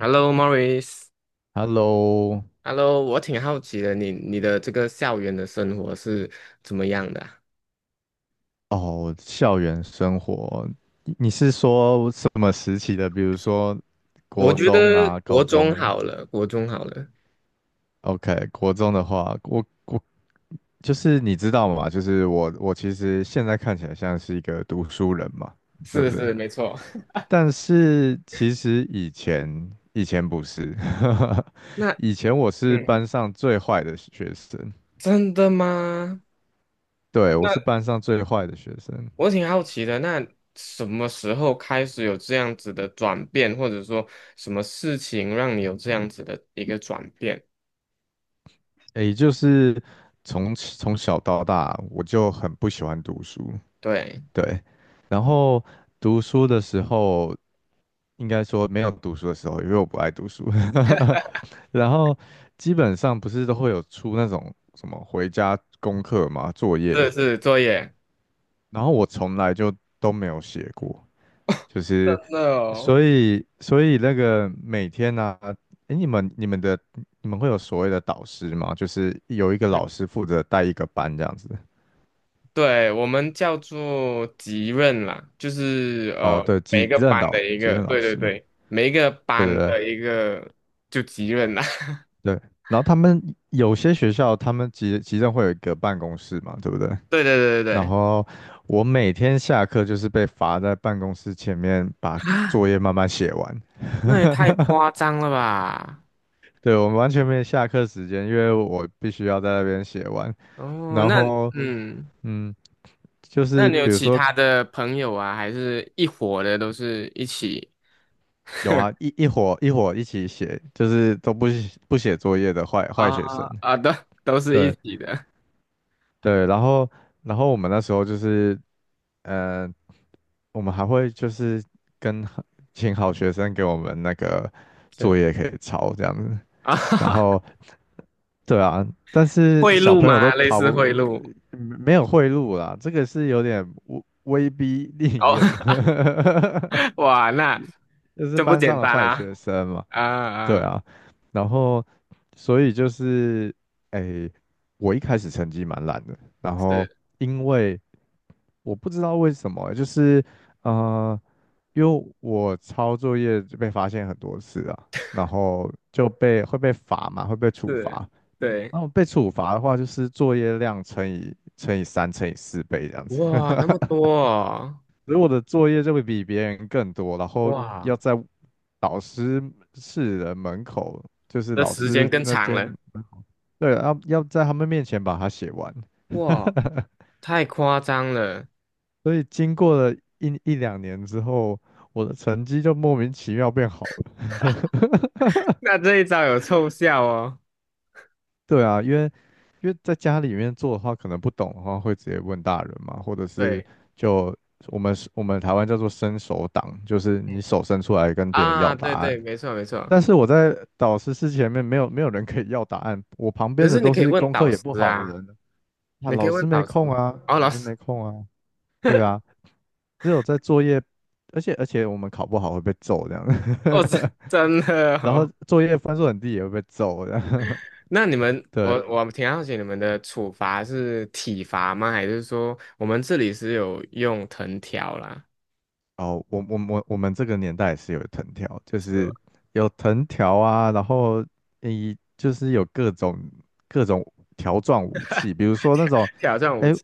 Hello, m o r r i s Hello，哈 Hello，我挺好奇的，你的这个校园的生活是怎么样的啊。哦，校园生活，你是说什么时期的？比如说我国觉中得啊、国高中中好了，国中好了。？OK，国中的话，我就是你知道嘛，就是我其实现在看起来像是一个读书人嘛，对不是对？是没错。但是其实以前不是，那以前我是嗯，班上最坏的学生，真的吗？对，我那是班上最坏的学生，我挺好奇的，那什么时候开始有这样子的转变，或者说什么事情让你有这样子的一个转变？诶，就是从小到大，我就很不喜欢读书，对，对。然后读书的时候，应该说没有读书的时候，因为我不爱读书。然后基本上不是都会有出那种什么回家功课嘛，作业，是是作业。然后我从来就都没有写过，就真是，的哦。所以那个每天呢、啊，哎，你们会有所谓的导师吗？就是有一个老师负责带一个班这样子。对，我们叫做级任啦，就是哦，对，每一个班的一级个，任老对对师，对，每一个对对班对的一个就级任啦，对。然后他们有些学校他们级任会有一个办公室嘛，对不对？对对对对然对。后我每天下课就是被罚在办公室前面把啊，作业慢慢写完。那也太夸张了吧？对，我们完全没有下课时间，因为我必须要在那边写完。哦，然那 后，嗯，嗯。就那是你有比如其说他的朋友啊，还是一伙的，都是一起有啊，一伙一起写，就是都不写作业的坏啊。学生。啊，都都是一对起的。对，然后我们那时候就是，呃，我们还会就是跟好请好学生给我们那个作是业可以抄这样子，啊，然 后对啊，但是贿小赂朋友都吗？类逃似不，贿赂。没有贿赂啦，这个是有点威逼利哦，诱，哇，那就是这不班上简的单坏啦。学生嘛。啊对啊，啊，然后所以就是，诶，我一开始成绩蛮烂的，然后是因为我不知道为什么欸，就是呃，因为我抄作业就被发现很多次啊，然后会被罚嘛，会被处是，罚。对。然后被处罚的话，就是作业量乘以三乘以四倍这样子。哇，那么 多哦。所以我的作业就会比别人更多，然后哇，要在老师室的门口，就是这老时间师更那长间，了。对，要在他们面前把它写完。哇，太夸张了。所以经过了一两年之后，我的成绩就莫名其妙变好了。那这一招有凑效哦。对啊，因为在家里面做的话，可能不懂的话会直接问大人嘛，或者是对，就我们台湾叫做伸手党，就是你嗯。手伸出来跟别人要啊，答对案。对，没错没错。但是我在导师室前面没有人可以要答案，我旁可边的是你都可以是问功课导也师不好的啊，人，那你可以老师问没导师，空啊，哦，老老师师。没空啊，对啊，只有在作业，而且我们考不好会被揍这样，哦，真真的 然后哦。作业分数很低也会被揍这样，那你 们，我对，我挺好奇你们的处罚是体罚吗？还是说我们这里是有用藤条啦，哦，我们这个年代也是有藤条，就是吗？是有藤条啊，然后你就是有各种条状武器，比如 说那挑种。挑战武哎，器。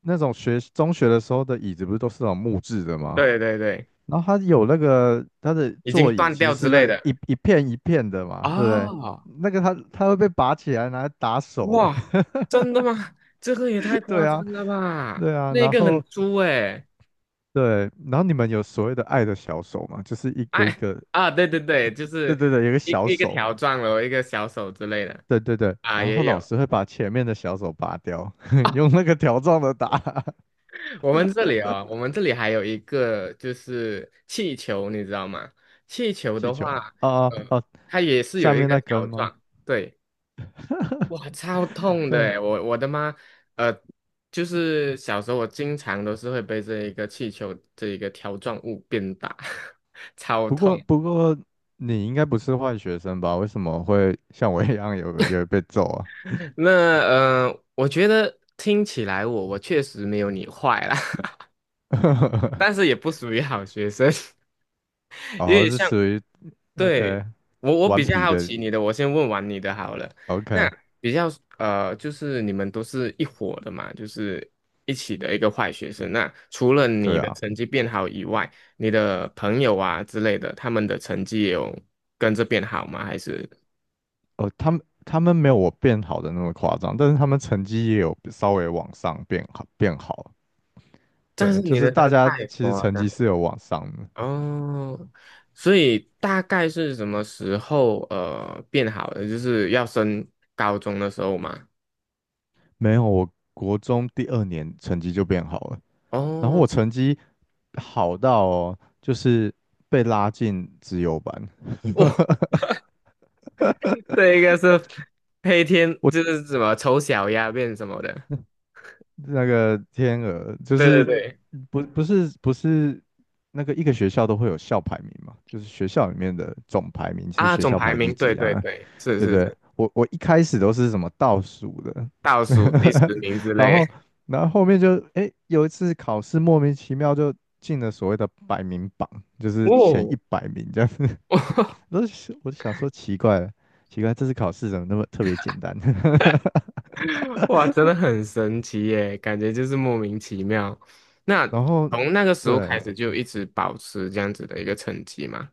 那种中学的时候的椅子不是都是那种木质的吗？对对对。然后它有那个它的已经座椅断其实掉之是那类个的。一片一片的嘛，对不对？啊，那个它会被拔起来拿来打手、欸，哇，真的吗？这个也太 夸对张啊，了吧！对啊，那然个很后粗诶、对，然后你们有所谓的爱的小手嘛，就是有一哎。个，啊，对对对，就对是对对，有一个一小一个手，条状了，一个小手之类的。对对对，啊，然后也老有。师会把前面的小手拔掉，用 那个条状的打 我们这里哦，我们这里还有一个就是气球，你知道吗？气球气的球，话，啊哦呃，哦，它也是有下一面个那根条吗？状，对。哇，超 痛的对。诶，我我的妈。呃，就是小时候我经常都是会被这一个气球这一个条状物鞭打，超不痛。过不过你应该不是坏学生吧？为什么会像我一样有被揍啊？那我觉得听起来我我确实没有你坏啦，但是 也不属于好学生，因哦，为是像属于 对，OK 我我顽比较皮好的 奇你的，我先问完你的好了。那 OK，比较就是你们都是一伙的嘛，就是一起的一个坏学生。那除了你对的啊，成绩变好以外，你的朋友啊之类的，他们的成绩也有跟着变好吗？还是？哦，他们没有我变好的那么夸张，但是他们成绩也有稍微往上变好变好，但是对，就你是的真大的家太其实夸成张绩是了。有往上的，哦，所以大概是什么时候变好的？就是要升高中的时候嘛。没有我国中第二年成绩就变好了，然后哦，我成绩好到哦，就是被拉进资优班，这一个是黑天，我。就是什么丑小鸭变什么的。那个天鹅就对对是对。不是那个一个学校都会有校排名嘛，就是学校里面的总排名是啊，学总校排排第名，对几对啊，对，是对不是对？是。我一开始都是什么倒数的，倒数第十 名之然类。后然后后面就诶有一次考试莫名其妙就进了所谓的百名榜，就是前哦，100名这样子，我就我就想说奇怪了，奇怪这次考试怎么那么特别简单？哇，真的很神奇耶，感觉就是莫名其妙。那 然后从那个时候开对，始就一直保持这样子的一个成绩嘛？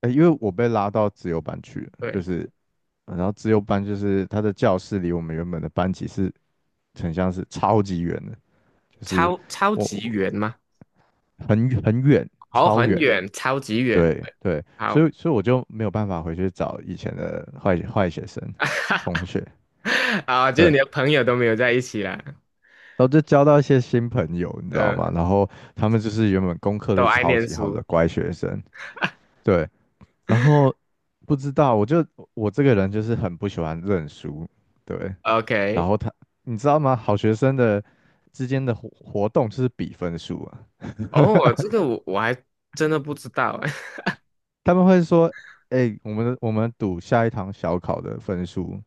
哎，因为我被拉到自由班去了，就对，是然后自由班就是他的教室离我们原本的班级是很像是超级远的，就是超超我级我远吗？很远，哦，超很远。远，超级远。对对对，所好，以所以我就没有办法回去找以前的坏学生同学，啊，就对，是你的然朋友都没有在一起啦。后就交到一些新朋友，你知道呃，吗？然后他们就是原本功课都都爱超念级好书。的乖学生，对，然后不知道，我这个人就是很不喜欢认输，对，然 OK，后他，你知道吗？好学生之间的活动就是比分数啊，哦，这个我我还真的不知道哎。他们会说，哎、我们赌下一堂小考的分数，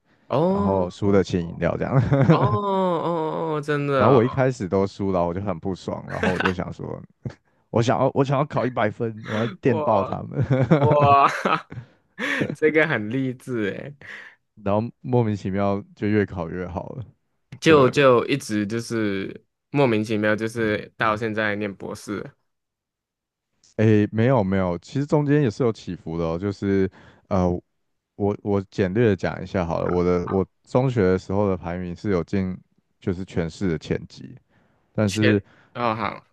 然哦后输的哦请饮料这样。哦 哦，真的然后我一哦。开始都输了，我就很不爽，然后我就想说，我想要考100分，我要电爆哇他们，哇，这个很励志哎。然后莫名其妙就越考越好了，对。就就一直就是莫名其妙，就是到现在念博士了。诶，没有没有，其实中间也是有起伏的哦。就是呃，我简略的讲一下好了。我中学的时候的排名是有进就是全市的前几，但全是哦好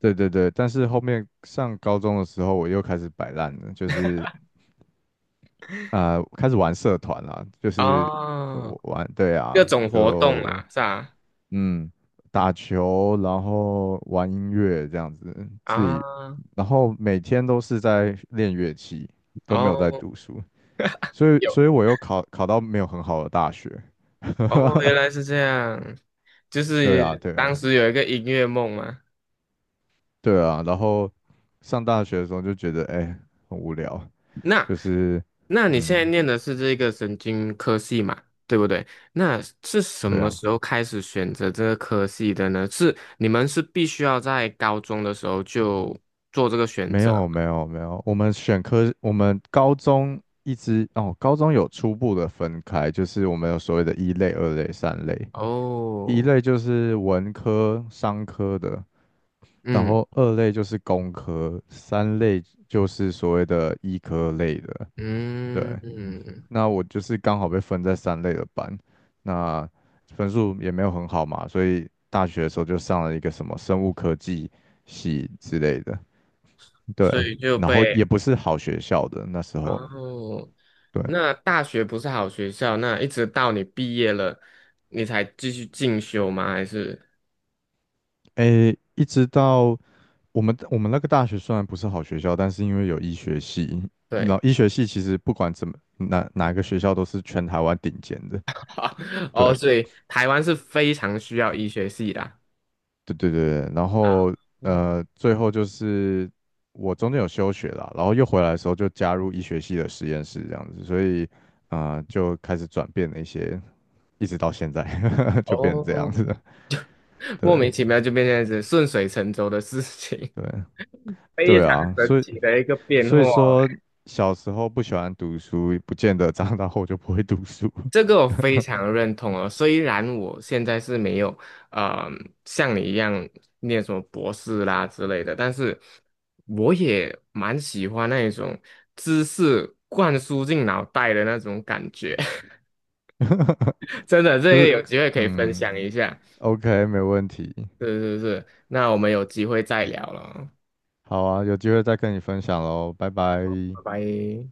对对对，但是后面上高中的时候我又开始摆烂了，就是啊，开始玩社团啦，就是哦，我玩对各啊，种活动就啦，是吧？嗯，打球，然后玩音乐这样子，自己，啊然后每天都是在练乐器，都没有在哦读书，所以，有所以我又考到没有很好的大学，哦，原来是 这样，就对啊，是对当啊，时有一个音乐梦嘛。对啊，然后上大学的时候就觉得，哎、很无聊，那就是，那你现在嗯，念的是这个神经科系嘛，对不对？那是什对么啊，时候开始选择这个科系的呢？是你们是必须要在高中的时候就做这个选没有，择？没有，没有，我们选科，我们高中一直，哦，高中有初步的分开，就是我们有所谓的一类、二类、三类。一哦，类就是文科、商科的，然嗯后二类就是工科，三类就是所谓的医科类的。对，嗯嗯，那我就是刚好被分在三类的班，那分数也没有很好嘛，所以大学的时候就上了一个什么生物科技系之类的。对，所以就然后被也不是好学校的那时然候。哦，对，那大学不是好学校，那一直到你毕业了，你才继续进修吗？还是诶，一直到我们那个大学虽然不是好学校，但是因为有医学系，你知对，道医学系其实不管怎么哪个学校都是全台湾顶尖的。对哦，所以台湾是非常需要医学系的啊。对对对，对然啊，后嗯。最后就是我中间有休学了，然后又回来的时候就加入医学系的实验室这样子，所以啊、就开始转变了一些，一直到现在 就变成这样子的。哦，莫对名其妙就变这样子，顺水成舟的事情，对非对常啊，神所以奇的一个变所化。以说欸。小时候不喜欢读书，不见得长大后就不会读书。这个我非常认同哦。虽然我现在是没有，呃，像你一样念什么博士啦之类的，但是我也蛮喜欢那一种知识灌输进脑袋的那种感觉。真的，这就个是有机会可以分嗯享一下。，OK，没问题。是是是，那我们有机会再聊了，好啊，有机会再跟你分享喽，拜拜。拜拜。